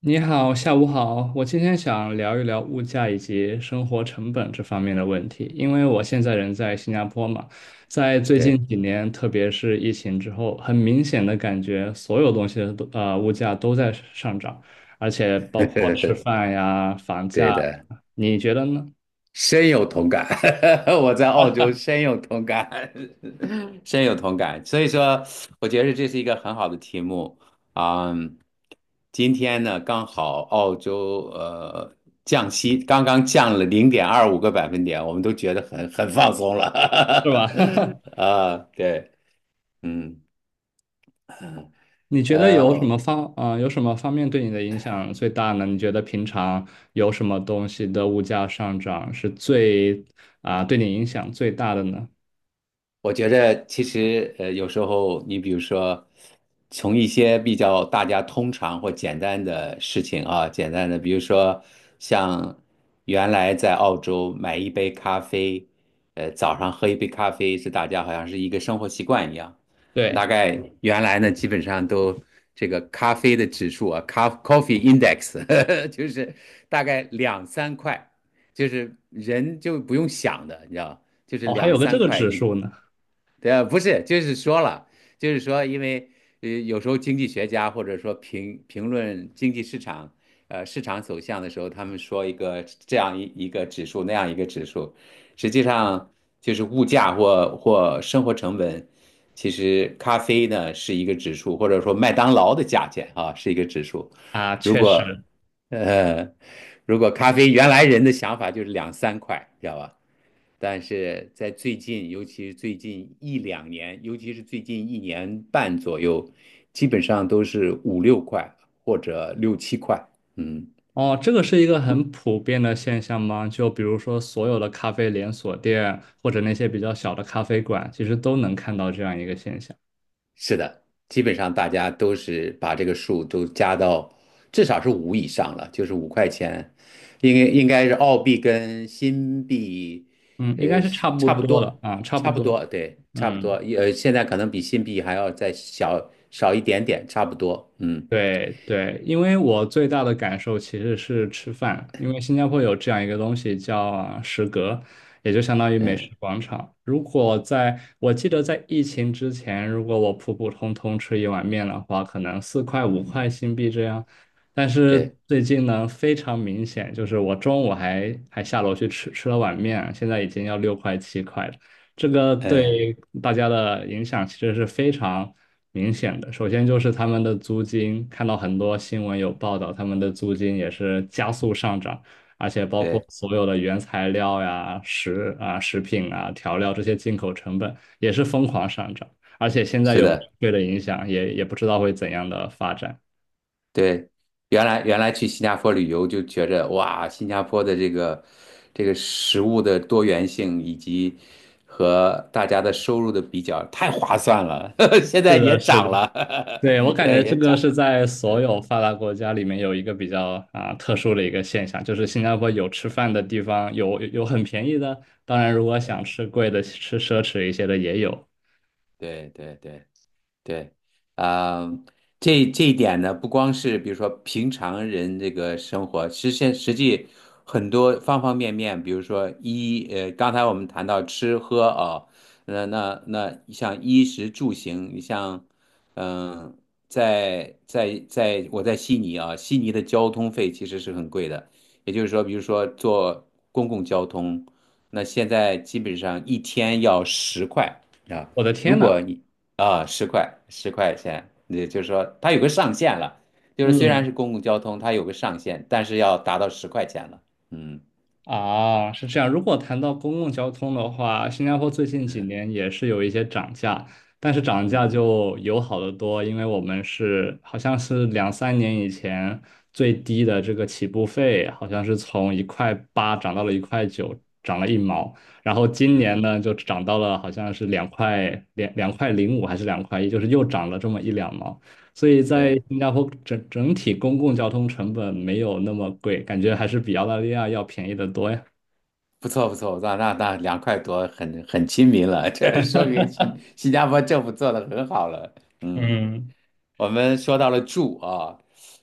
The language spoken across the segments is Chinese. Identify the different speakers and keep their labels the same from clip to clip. Speaker 1: 你好，下午好。我今天想聊一聊物价以及生活成本这方面的问题，因为我现在人在新加坡嘛，在最
Speaker 2: 对。
Speaker 1: 近几年，特别是疫情之后，很明显的感觉所有东西的都物价都在上涨，而且包括吃 饭呀、房价
Speaker 2: 对的，
Speaker 1: 呀，你觉得呢？
Speaker 2: 深有同感。我在澳洲深有同感。深有同感。所以说，我觉得这是一个很好的题目啊。今天呢，刚好澳洲降息，刚刚降了0.25个百分点，我们都觉得很放松
Speaker 1: 是
Speaker 2: 了。
Speaker 1: 吧？
Speaker 2: 啊，对，嗯，
Speaker 1: 你觉得
Speaker 2: 呃，
Speaker 1: 有什么方面对你的影响最大呢？你觉得平常有什么东西的物价上涨是最啊、对你影响最大的呢？
Speaker 2: 我觉得其实有时候你比如说，从一些比较大家通常或简单的事情啊，简单的，比如说像原来在澳洲买一杯咖啡，早上喝一杯咖啡是大家好像是一个生活习惯一样。大
Speaker 1: 对。
Speaker 2: 概原来呢，基本上都这个咖啡的指数啊，coffee index 就是大概两三块，就是人就不用想的，你知道。就是
Speaker 1: 哦，还
Speaker 2: 两
Speaker 1: 有个这
Speaker 2: 三
Speaker 1: 个
Speaker 2: 块
Speaker 1: 指
Speaker 2: 一。
Speaker 1: 数呢。
Speaker 2: 对，不是，就是说了，就是说，因为有时候经济学家或者说评论经济市场，市场走向的时候，他们说一个这样一个指数，那样一个指数，实际上就是物价或生活成本。其实咖啡呢是一个指数，或者说麦当劳的价钱啊是一个指数。
Speaker 1: 啊，
Speaker 2: 如
Speaker 1: 确实。
Speaker 2: 果呃，如果咖啡原来人的想法就是两三块，知道吧？但是在最近，尤其是最近一两年，尤其是最近1年半左右，基本上都是五六块或者六七块。嗯，
Speaker 1: 哦，这个是一个很普遍的现象吗？就比如说所有的咖啡连锁店或者那些比较小的咖啡馆，其实都能看到这样一个现象。
Speaker 2: 是的，基本上大家都是把这个数都加到至少是五以上了，就是5块钱，应该是澳币跟新币，
Speaker 1: 嗯，应该是
Speaker 2: 是
Speaker 1: 差不
Speaker 2: 差不
Speaker 1: 多了
Speaker 2: 多，
Speaker 1: 啊，差不
Speaker 2: 差不
Speaker 1: 多。
Speaker 2: 多，对，差不多，
Speaker 1: 嗯。
Speaker 2: 现在可能比新币还要再小少一点点，差不多。嗯，
Speaker 1: 对对，因为我最大的感受其实是吃饭，因为新加坡有这样一个东西叫啊食阁，也就相当于美食
Speaker 2: 嗯，
Speaker 1: 广场。如果在，我记得在疫情之前，如果我普普通通吃一碗面的话，可能4块5块新币这样。但是
Speaker 2: 对，
Speaker 1: 最近呢，非常明显，就是我中午还下楼去吃了碗面，现在已经要6块7块了。这个
Speaker 2: 嗯。
Speaker 1: 对大家的影响其实是非常明显的。首先就是他们的租金，看到很多新闻有报道，他们的租金也是加速上涨，而且包括
Speaker 2: 对，
Speaker 1: 所有的原材料呀、食品啊、调料这些进口成本也是疯狂上涨。而且现在
Speaker 2: 是
Speaker 1: 有
Speaker 2: 的，
Speaker 1: 对的影响，也不知道会怎样的发展。
Speaker 2: 对。原来去新加坡旅游就觉着哇，新加坡的这个食物的多元性以及和大家的收入的比较太划算了，现在
Speaker 1: 是
Speaker 2: 也
Speaker 1: 的，是的。
Speaker 2: 涨了，
Speaker 1: 对，我 感
Speaker 2: 也
Speaker 1: 觉这
Speaker 2: 也
Speaker 1: 个
Speaker 2: 涨。
Speaker 1: 是在所
Speaker 2: 嗯，
Speaker 1: 有发达国家里面有一个比较特殊的一个现象，就是新加坡有吃饭的地方，有很便宜的，当然如果想
Speaker 2: 对，
Speaker 1: 吃贵的、吃奢侈一些的也有。
Speaker 2: 对，对，对。对，啊、这一点呢，不光是比如说平常人这个生活，实际很多方方面面，比如说衣，刚才我们谈到吃喝啊、那像衣食住行，你像，嗯、在在在我在悉尼啊，悉尼的交通费其实是很贵的，也就是说，比如说坐公共交通，那现在基本上一天要十块啊。
Speaker 1: 我的
Speaker 2: 如
Speaker 1: 天呐。
Speaker 2: 果你啊，十块，十块钱，也就是说它有个上限了，就是虽然
Speaker 1: 嗯。
Speaker 2: 是公共交通，它有个上限，但是要达到十块钱了。嗯，
Speaker 1: 啊，是这样。如果谈到公共交通的话，新加坡最近几
Speaker 2: 嗯，
Speaker 1: 年也是有一些涨价，但是涨价
Speaker 2: 嗯，
Speaker 1: 就友好的多，因为我们是好像是两三年以前最低的这个起步费，好像是从1块8涨到了1块9，涨了一毛。然后今年
Speaker 2: 嗯，
Speaker 1: 呢，就涨到了好像是两块零五还是2块1，就是又涨了这么一两毛。所以在
Speaker 2: 对，
Speaker 1: 新加坡整体公共交通成本没有那么贵，感觉还是比澳大利亚要便宜的多呀。
Speaker 2: 不错，不错，那2块多很亲民了，这说明新 新加坡政府做的很好了。嗯。
Speaker 1: 嗯，
Speaker 2: 我们说到了住啊，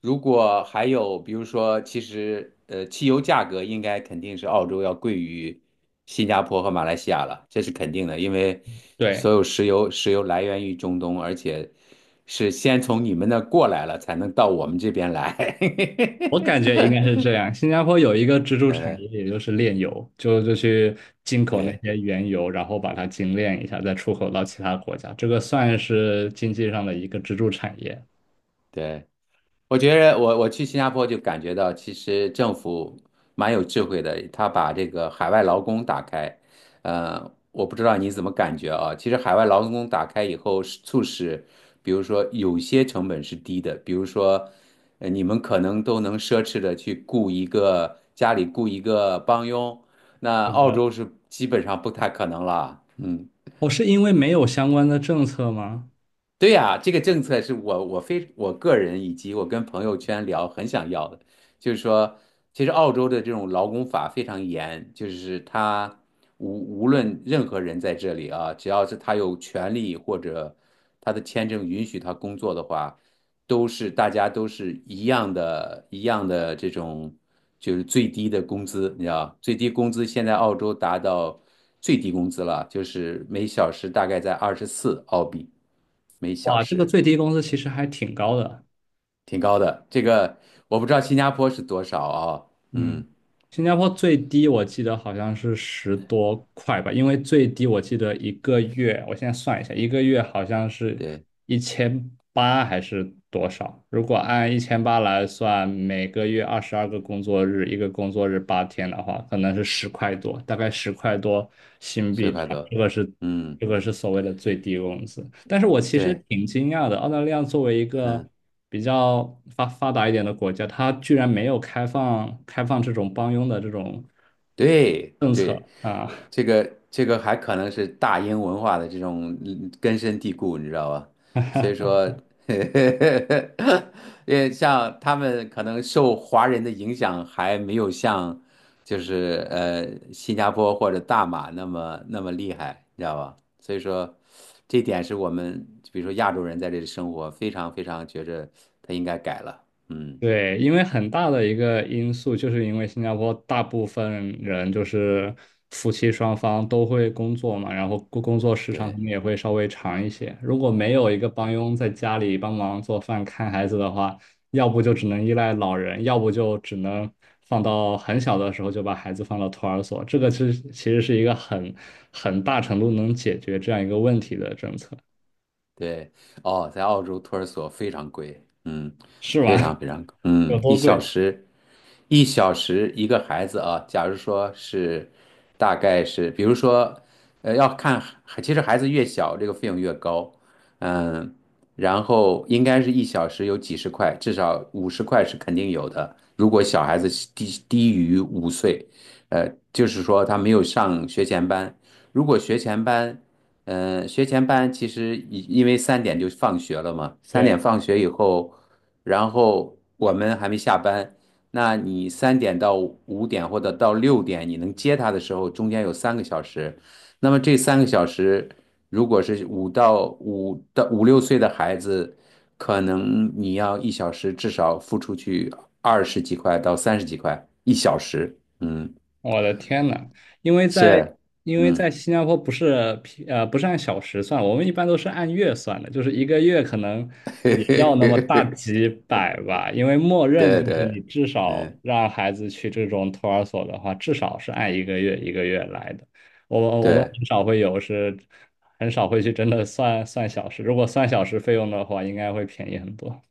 Speaker 2: 如果还有比如说，其实汽油价格应该肯定是澳洲要贵于新加坡和马来西亚了，这是肯定的，因为
Speaker 1: 对，
Speaker 2: 所有石油来源于中东，而且是先从你们那过来了，才能到我们这边来。
Speaker 1: 我感觉应该是这样。新加坡有一个支 柱产
Speaker 2: 呃，
Speaker 1: 业，也就是炼油，就去进口那
Speaker 2: 对，
Speaker 1: 些原油，然后把它精炼一下，再出口到其他国家。这个算是经济上的一个支柱产业。
Speaker 2: 对。我觉得我去新加坡就感觉到，其实政府蛮有智慧的，他把这个海外劳工打开。我不知道你怎么感觉啊？其实海外劳工打开以后，是促使，比如说有些成本是低的，比如说，你们可能都能奢侈的去雇一个家里雇一个帮佣，那
Speaker 1: 是
Speaker 2: 澳
Speaker 1: 的，
Speaker 2: 洲是基本上不太可能了。嗯，
Speaker 1: 我是因为没有相关的政策吗？
Speaker 2: 对呀，这个政策是我非我个人以及我跟朋友圈聊很想要的，就是说，其实澳洲的这种劳工法非常严，就是他无论任何人在这里啊，只要是他有权利或者他的签证允许他工作的话，都是大家都是一样的，一样的这种就是最低的工资，你知道，最低工资现在澳洲达到最低工资了，就是每小时大概在24澳币。每小
Speaker 1: 哇，这个
Speaker 2: 时，
Speaker 1: 最低工资其实还挺高的。
Speaker 2: 挺高的。这个我不知道新加坡是多少啊、
Speaker 1: 嗯，
Speaker 2: 嗯，
Speaker 1: 新加坡最低我记得好像是十多块吧，因为最低我记得一个月，我现在算一下，一个月好像是
Speaker 2: 对，
Speaker 1: 一千八还是多少？如果按一千八来算，每个月22个工作日，一个工作日八天的话，可能是十块多，大概十块多新币
Speaker 2: 四
Speaker 1: 这
Speaker 2: 块
Speaker 1: 样
Speaker 2: 多。嗯，
Speaker 1: 这个是所谓的最低工资。但是我其实
Speaker 2: 对，
Speaker 1: 挺惊讶的，澳大利亚作为一个
Speaker 2: 嗯。
Speaker 1: 比较发达一点的国家，它居然没有开放这种帮佣的这种
Speaker 2: 对，
Speaker 1: 政
Speaker 2: 对，
Speaker 1: 策啊。
Speaker 2: 这个还可能是大英文化的这种根深蒂固，你知道吧？所以说，因为像他们可能受华人的影响还没有像就是新加坡或者大马那么那么厉害，你知道吧？所以说，这点是我们比如说亚洲人在这里生活，非常非常觉着他应该改了。嗯，
Speaker 1: 对，因为很大的一个因素，就是因为新加坡大部分人就是夫妻双方都会工作嘛，然后工作时长可
Speaker 2: 对。
Speaker 1: 能也会稍微长一些。如果没有一个帮
Speaker 2: 嗯，
Speaker 1: 佣在家里帮忙做饭、看孩子的话，要不就只能依赖老人，要不就只能放到很小的时候就把孩子放到托儿所。这个是其实是一个很很大程度能解决这样一个问题的政策，
Speaker 2: 对，哦，在澳洲托儿所非常贵，嗯，
Speaker 1: 是吗？
Speaker 2: 非常非常贵，
Speaker 1: 有
Speaker 2: 嗯，
Speaker 1: 多贵？
Speaker 2: 一小时一个孩子啊，假如说是，大概是，比如说，要看，其实孩子越小，这个费用越高，嗯，然后应该是一小时有几十块，至少50块是肯定有的。如果小孩子是低于5岁，就是说他没有上学前班，如果学前班，嗯、学前班其实因为三点就放学了嘛，三
Speaker 1: 对。
Speaker 2: 点放学以后，然后我们还没下班。那你三点到5点或者到6点，你能接他的时候，中间有三个小时。那么这三个小时，如果是五六岁的孩子，可能你要一小时至少付出去20几块到30几块一小时。嗯，
Speaker 1: 我的天呐，因为在
Speaker 2: 是，
Speaker 1: 因为在
Speaker 2: 嗯，
Speaker 1: 新加坡不是按小时算，我们一般都是按月算的，就是一个月可能也要那么大 几百吧，因为默认就
Speaker 2: 对，
Speaker 1: 是你
Speaker 2: 对，
Speaker 1: 至少
Speaker 2: 嗯，
Speaker 1: 让孩子去这种托儿所的话，至少是按一个月一个月来的。我们
Speaker 2: 对。
Speaker 1: 很少会有是很少会去真的算算小时，如果算小时费用的话，应该会便宜很多。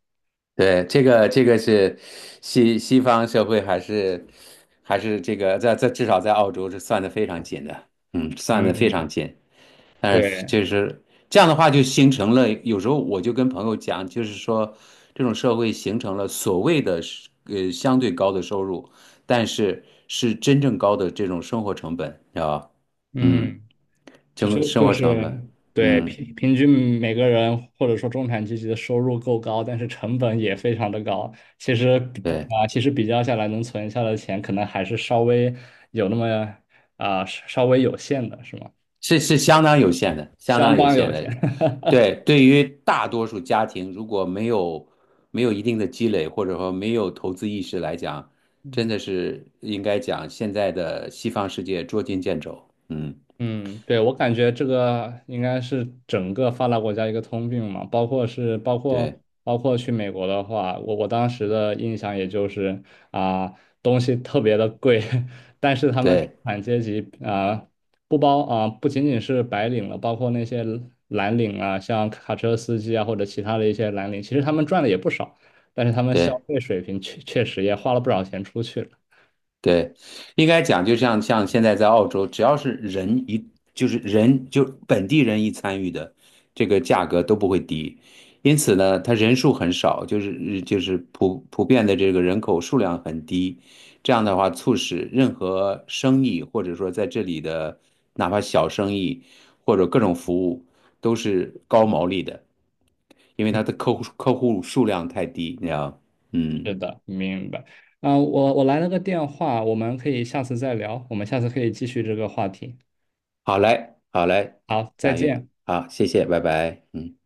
Speaker 2: 对，这个是西方社会还是这个在至少在澳洲是算的非常紧的，嗯，算的非
Speaker 1: 嗯，
Speaker 2: 常紧。但是
Speaker 1: 对，
Speaker 2: 就是这样的话，就形成了有时候我就跟朋友讲，就是说这种社会形成了所谓的是相对高的收入，但是是真正高的这种生活成本，你知道吧？嗯，
Speaker 1: 嗯。就是
Speaker 2: 生生
Speaker 1: 就
Speaker 2: 活成
Speaker 1: 是
Speaker 2: 本，
Speaker 1: 对
Speaker 2: 嗯。
Speaker 1: 平均每个人或者说中产阶级的收入够高，但是成本也非常的高。其实比比
Speaker 2: 对。
Speaker 1: 啊，其实比较下来，能存下的钱可能还是稍微有那么稍微有限的，是吗？
Speaker 2: 是相当有限的，相
Speaker 1: 相
Speaker 2: 当有
Speaker 1: 当
Speaker 2: 限
Speaker 1: 有限。
Speaker 2: 的。对，对于大多数家庭，如果没有一定的积累，或者说没有投资意识来讲，真的 是应该讲现在的西方世界捉襟见肘。嗯，
Speaker 1: 嗯，对，我感觉这个应该是整个发达国家一个通病嘛，包括是包括
Speaker 2: 对，
Speaker 1: 包括去美国的话，我当时的印象也就是啊、东西特别的贵，但是他们中
Speaker 2: 对，
Speaker 1: 产阶级不包啊、不仅仅是白领了，包括那些蓝领啊，像卡车司机啊或者其他的一些蓝领，其实他们赚的也不少，但是他们消
Speaker 2: 对。
Speaker 1: 费水平确实也花了不少钱出去了。
Speaker 2: 对，应该讲，就像现在在澳洲，只要是人一就是人就本地人一参与的，这个价格都不会低。因此呢，它人数很少，就是普遍的这个人口数量很低。这样的话，促使任何生意或者说在这里的哪怕小生意或者各种服务都是高毛利的，因为它
Speaker 1: 嗯。
Speaker 2: 的客户数量太低，你知道吗，嗯。
Speaker 1: 是的，明白。我来了个电话，我们可以下次再聊，我们下次可以继续这个话题。
Speaker 2: 好嘞，好嘞，
Speaker 1: 好，再
Speaker 2: 佳韵，
Speaker 1: 见。
Speaker 2: 好，谢谢，拜拜，嗯。